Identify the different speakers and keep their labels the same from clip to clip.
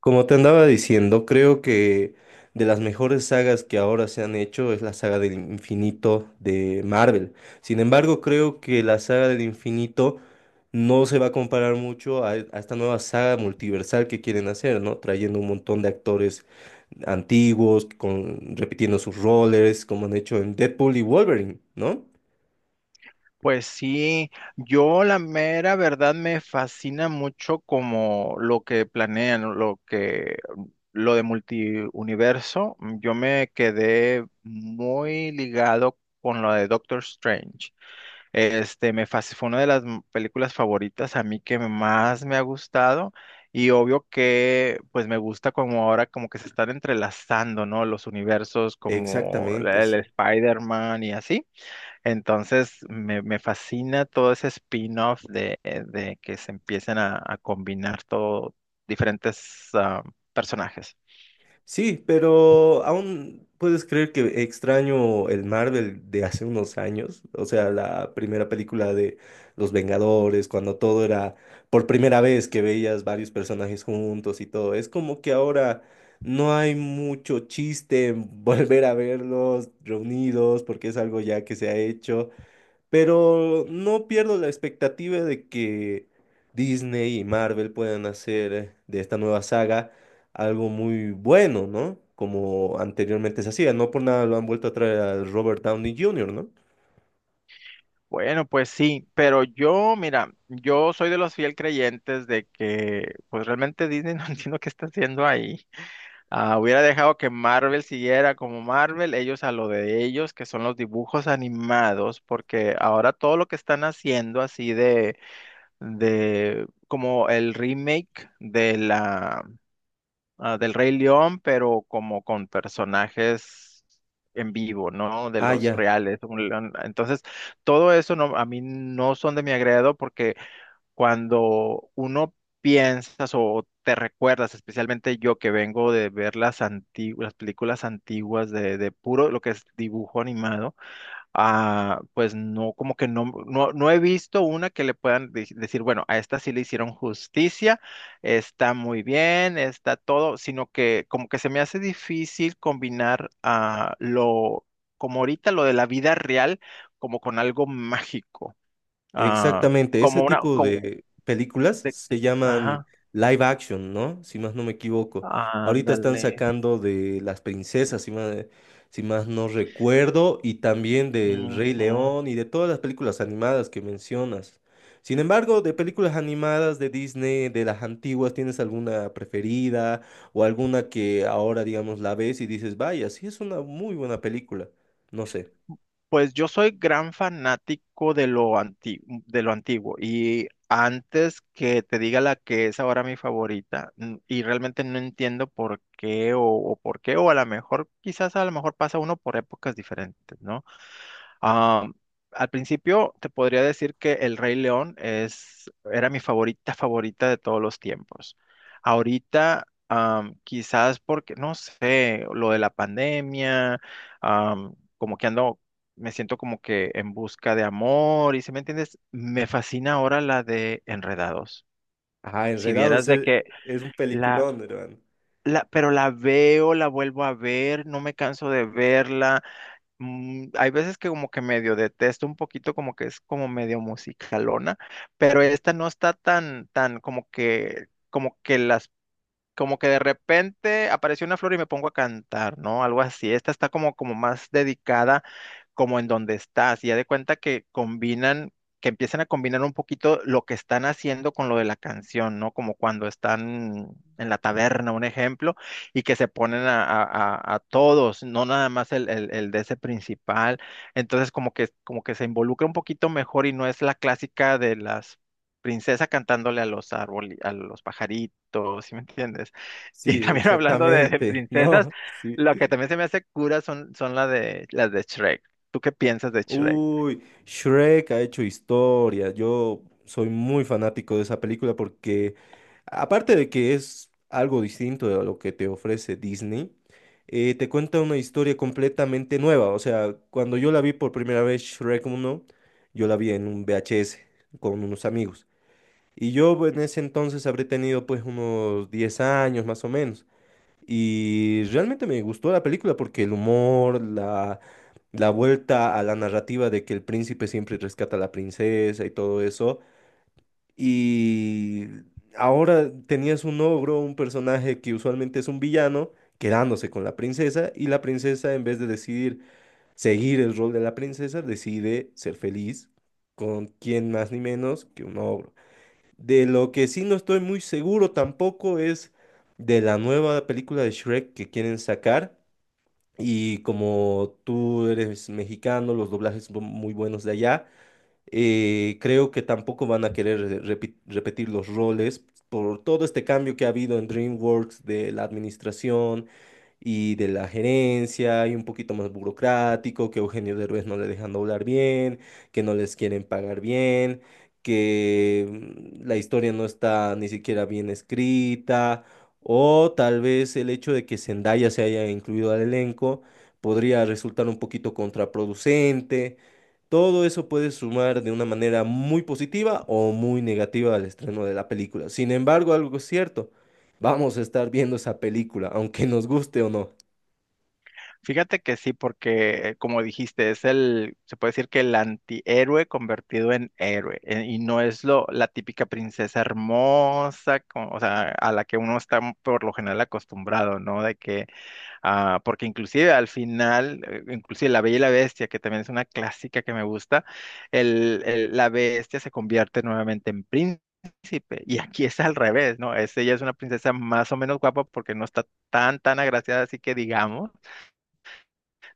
Speaker 1: Como te andaba diciendo, creo que de las mejores sagas que ahora se han hecho es la saga del infinito de Marvel. Sin embargo, creo que la saga del infinito no se va a comparar mucho a esta nueva saga multiversal que quieren hacer, ¿no? Trayendo un montón de actores antiguos, repitiendo sus roles, como han hecho en Deadpool y Wolverine, ¿no?
Speaker 2: Pues sí, yo la mera verdad me fascina mucho como lo que planean, lo que lo de multiuniverso. Yo me quedé muy ligado con lo de Doctor Strange. Fue una de las películas favoritas a mí que más me ha gustado y obvio que pues me gusta como ahora como que se están entrelazando, ¿no? Los universos como
Speaker 1: Exactamente,
Speaker 2: el
Speaker 1: sí.
Speaker 2: Spider-Man y así. Entonces, me fascina todo ese spin-off de que se empiecen a combinar todo, diferentes personajes.
Speaker 1: Sí, pero aún puedes creer que extraño el Marvel de hace unos años, o sea, la primera película de Los Vengadores, cuando todo era por primera vez que veías varios personajes juntos y todo. Es como que ahora no hay mucho chiste en volver a verlos reunidos porque es algo ya que se ha hecho. Pero no pierdo la expectativa de que Disney y Marvel puedan hacer de esta nueva saga algo muy bueno, ¿no? Como anteriormente se hacía. No por nada lo han vuelto a traer a Robert Downey Jr., ¿no?
Speaker 2: Bueno, pues sí, pero yo, mira, yo soy de los fiel creyentes de que, pues realmente Disney no entiendo qué está haciendo ahí. Ah, hubiera dejado que Marvel siguiera como Marvel, ellos a lo de ellos, que son los dibujos animados, porque ahora todo lo que están haciendo así de como el remake de la del Rey León, pero como con personajes en vivo, ¿no? De
Speaker 1: Ah,
Speaker 2: los
Speaker 1: ya.
Speaker 2: reales. Un león. Entonces, todo eso no, a mí no son de mi agrado porque cuando uno piensas o te recuerdas, especialmente yo que vengo de ver las antiguas, las películas antiguas de puro lo que es dibujo animado. Ah, pues no, como que no, no, no he visto una que le puedan decir, bueno, a esta sí le hicieron justicia, está muy bien, está todo, sino que como que se me hace difícil combinar lo, como ahorita lo de la vida real, como con algo mágico, ah,
Speaker 1: Exactamente, ese
Speaker 2: como una,
Speaker 1: tipo, sí,
Speaker 2: como
Speaker 1: de películas
Speaker 2: de-
Speaker 1: se llaman
Speaker 2: ajá,
Speaker 1: live action, ¿no? Si más no me equivoco. Ahorita están
Speaker 2: ándale,
Speaker 1: sacando de Las Princesas, si más no recuerdo, y también del Rey
Speaker 2: ujú.
Speaker 1: León y de todas las películas animadas que mencionas. Sin embargo, de películas animadas de Disney, de las antiguas, ¿tienes alguna preferida o alguna que ahora, digamos, la ves y dices, vaya, sí es una muy buena película? No sé.
Speaker 2: Pues yo soy gran fanático de lo antiguo y antes que te diga la que es ahora mi favorita y realmente no entiendo por qué o por qué o a lo mejor quizás a lo mejor pasa uno por épocas diferentes, ¿no? Am, Al principio te podría decir que El Rey León es, era mi favorita favorita de todos los tiempos. Ahorita, quizás porque, no sé, lo de la pandemia, como que ando, me siento como que en busca de amor, y si me entiendes, me fascina ahora la de Enredados.
Speaker 1: Ah,
Speaker 2: Si vieras
Speaker 1: Enredados
Speaker 2: de
Speaker 1: es,
Speaker 2: que
Speaker 1: es un
Speaker 2: la,
Speaker 1: peliculón, hermano.
Speaker 2: la, pero la veo, la vuelvo a ver, no me canso de verla. Hay veces que como que medio detesto un poquito, como que es como medio musicalona, pero esta no está tan, tan como que las, como que de repente apareció una flor y me pongo a cantar, ¿no? Algo así. Esta está como, como más dedicada como en donde estás. Y ya de cuenta que combinan, que empiezan a combinar un poquito lo que están haciendo con lo de la canción, ¿no? Como cuando están en la taberna, un ejemplo, y que se ponen a, a todos, no nada más el de ese principal. Entonces como que se involucra un poquito mejor y no es la clásica de las princesas cantándole a los árboles, a los pajaritos, ¿sí me entiendes? Y
Speaker 1: Sí,
Speaker 2: también hablando de
Speaker 1: exactamente,
Speaker 2: princesas,
Speaker 1: ¿no? Sí.
Speaker 2: lo que también se me hace cura son, son las de Shrek. ¿Tú qué piensas de Shrek?
Speaker 1: Uy, Shrek ha hecho historia. Yo soy muy fanático de esa película porque, aparte de que es algo distinto de lo que te ofrece Disney, te cuenta una historia completamente nueva. O sea, cuando yo la vi por primera vez, Shrek uno, yo la vi en un VHS con unos amigos. Y yo en ese entonces habré tenido pues unos 10 años más o menos. Y realmente me gustó la película porque el humor, la vuelta a la narrativa de que el príncipe siempre rescata a la princesa y todo eso. Y ahora tenías un ogro, un personaje que usualmente es un villano, quedándose con la princesa y la princesa en vez de decidir seguir el rol de la princesa, decide ser feliz con quien más ni menos que un ogro. De lo que sí no estoy muy seguro tampoco es de la nueva película de Shrek que quieren sacar. Y como tú eres mexicano, los doblajes son muy buenos de allá, creo que tampoco van a querer repetir los roles por todo este cambio que ha habido en DreamWorks de la administración y de la gerencia y un poquito más burocrático, que Eugenio Derbez no le dejan doblar bien, que no les quieren pagar bien, que la historia no está ni siquiera bien escrita, o tal vez el hecho de que Zendaya se haya incluido al elenco podría resultar un poquito contraproducente. Todo eso puede sumar de una manera muy positiva o muy negativa al estreno de la película. Sin embargo, algo es cierto, vamos a estar viendo esa película, aunque nos guste o no.
Speaker 2: Fíjate que sí, porque como dijiste, es el, se puede decir que el antihéroe convertido en héroe, y no es lo, la típica princesa hermosa, o sea, a la que uno está por lo general acostumbrado, ¿no? De que, ah, porque inclusive al final, inclusive La Bella y la Bestia, que también es una clásica que me gusta, el, la bestia se convierte nuevamente en príncipe. Y aquí es al revés, ¿no? Es, ella es una princesa más o menos guapa porque no está tan, tan agraciada, así que digamos,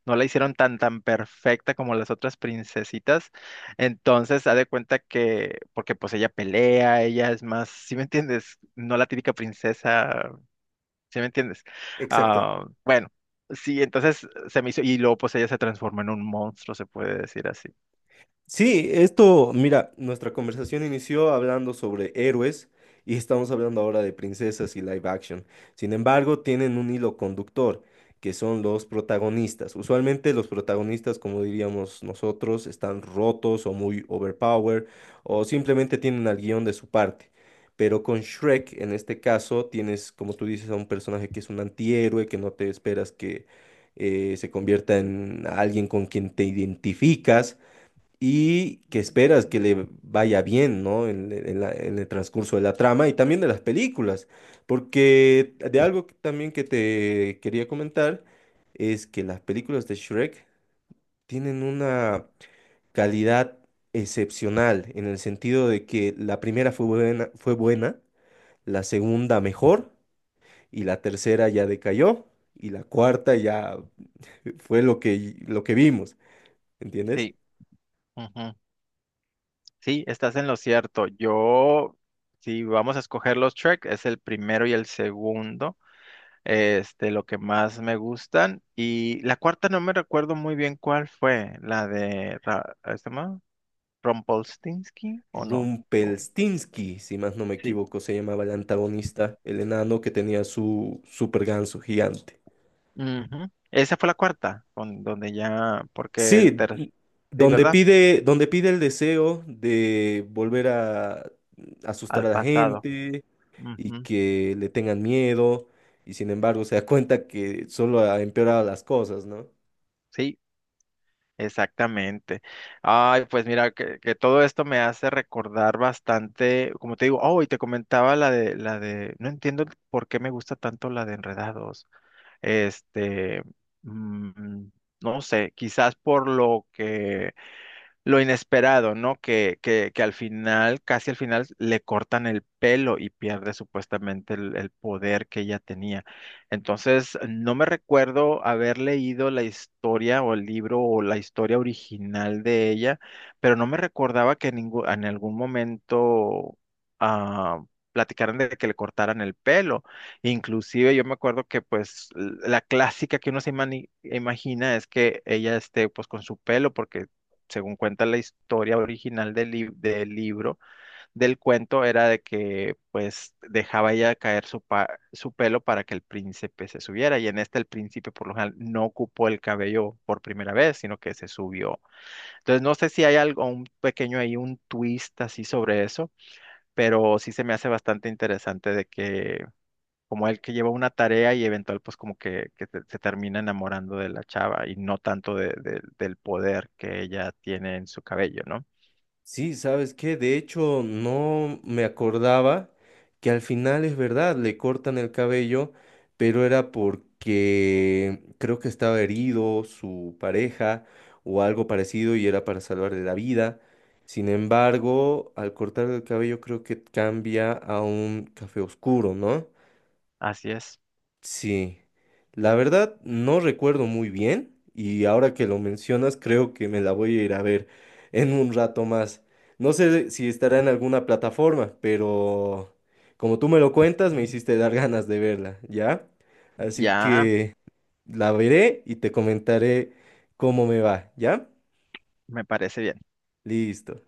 Speaker 2: no la hicieron tan, tan perfecta como las otras princesitas. Entonces, haz de cuenta que, porque pues ella pelea, ella es más, ¿si me entiendes? No la típica princesa. ¿Sí me entiendes?
Speaker 1: Exacto.
Speaker 2: Ah, bueno, sí, entonces se me hizo, y luego pues ella se transformó en un monstruo, se puede decir así.
Speaker 1: Sí, esto, mira, nuestra conversación inició hablando sobre héroes y estamos hablando ahora de princesas y live action. Sin embargo, tienen un hilo conductor, que son los protagonistas. Usualmente los protagonistas, como diríamos nosotros, están rotos o muy overpowered o simplemente tienen al guión de su parte. Pero con Shrek, en este caso, tienes, como tú dices, a un personaje que es un antihéroe, que no te esperas que se convierta en alguien con quien te identificas y que esperas que le vaya bien, ¿no? En el transcurso de la trama y también de las películas, porque de algo también que te quería comentar es que las películas de Shrek tienen una calidad excepcional en el sentido de que la primera fue buena, la segunda mejor y la tercera ya decayó y la cuarta ya fue lo que vimos, ¿entiendes?
Speaker 2: Sí, ujú, sí, estás en lo cierto. Yo, si vamos a escoger los tracks, es el primero y el segundo, este, lo que más me gustan. Y la cuarta no me recuerdo muy bien cuál fue, la de, ¿cómo ¿se llama? Rumpelstiltskin o no. O-
Speaker 1: Rumpelstinsky, si más no me
Speaker 2: sí,
Speaker 1: equivoco, se llamaba el antagonista, el enano que tenía su super ganso gigante.
Speaker 2: ujú. Esa fue la cuarta, donde ya, porque el
Speaker 1: Sí,
Speaker 2: tercer, sí,
Speaker 1: donde
Speaker 2: ¿verdad?
Speaker 1: pide, donde pide el deseo de volver a
Speaker 2: Al
Speaker 1: asustar a la
Speaker 2: pasado.
Speaker 1: gente y
Speaker 2: Ujú,
Speaker 1: que le tengan miedo, y sin embargo se da cuenta que solo ha empeorado las cosas, ¿no?
Speaker 2: sí, exactamente. Ay, pues mira, que todo esto me hace recordar bastante, como te digo, oh, y te comentaba la de, no entiendo por qué me gusta tanto la de Enredados. Este, mm, no sé, quizás por lo que lo inesperado, ¿no? Que al final, casi al final, le cortan el pelo y pierde supuestamente el poder que ella tenía. Entonces, no me recuerdo haber leído la historia o el libro o la historia original de ella, pero no me recordaba que en, en algún momento ah, platicaran de que le cortaran el pelo. Inclusive yo me acuerdo que pues la clásica que uno se imagina es que ella esté pues con su pelo porque según cuenta la historia original del, del libro, del cuento, era de que pues dejaba ella caer su, su pelo para que el príncipe se subiera. Y en este el príncipe por lo general no ocupó el cabello por primera vez, sino que se subió. Entonces no sé si hay algo, un pequeño ahí, un twist así sobre eso, pero sí se me hace bastante interesante de que como el que lleva una tarea y eventual pues como que se termina enamorando de la chava y no tanto del poder que ella tiene en su cabello, ¿no?
Speaker 1: Sí, ¿sabes qué? De hecho, no me acordaba que al final es verdad, le cortan el cabello, pero era porque creo que estaba herido su pareja o algo parecido y era para salvarle la vida. Sin embargo, al cortar el cabello creo que cambia a un café oscuro, ¿no?
Speaker 2: Así es.
Speaker 1: Sí, la verdad no recuerdo muy bien y ahora que lo mencionas creo que me la voy a ir a ver en un rato más. No sé si estará en alguna plataforma, pero como tú me lo cuentas me
Speaker 2: Mm.
Speaker 1: hiciste dar ganas de verla, ¿ya? Así
Speaker 2: Ya
Speaker 1: que la veré y te comentaré cómo me va, ¿ya?
Speaker 2: me parece bien.
Speaker 1: Listo.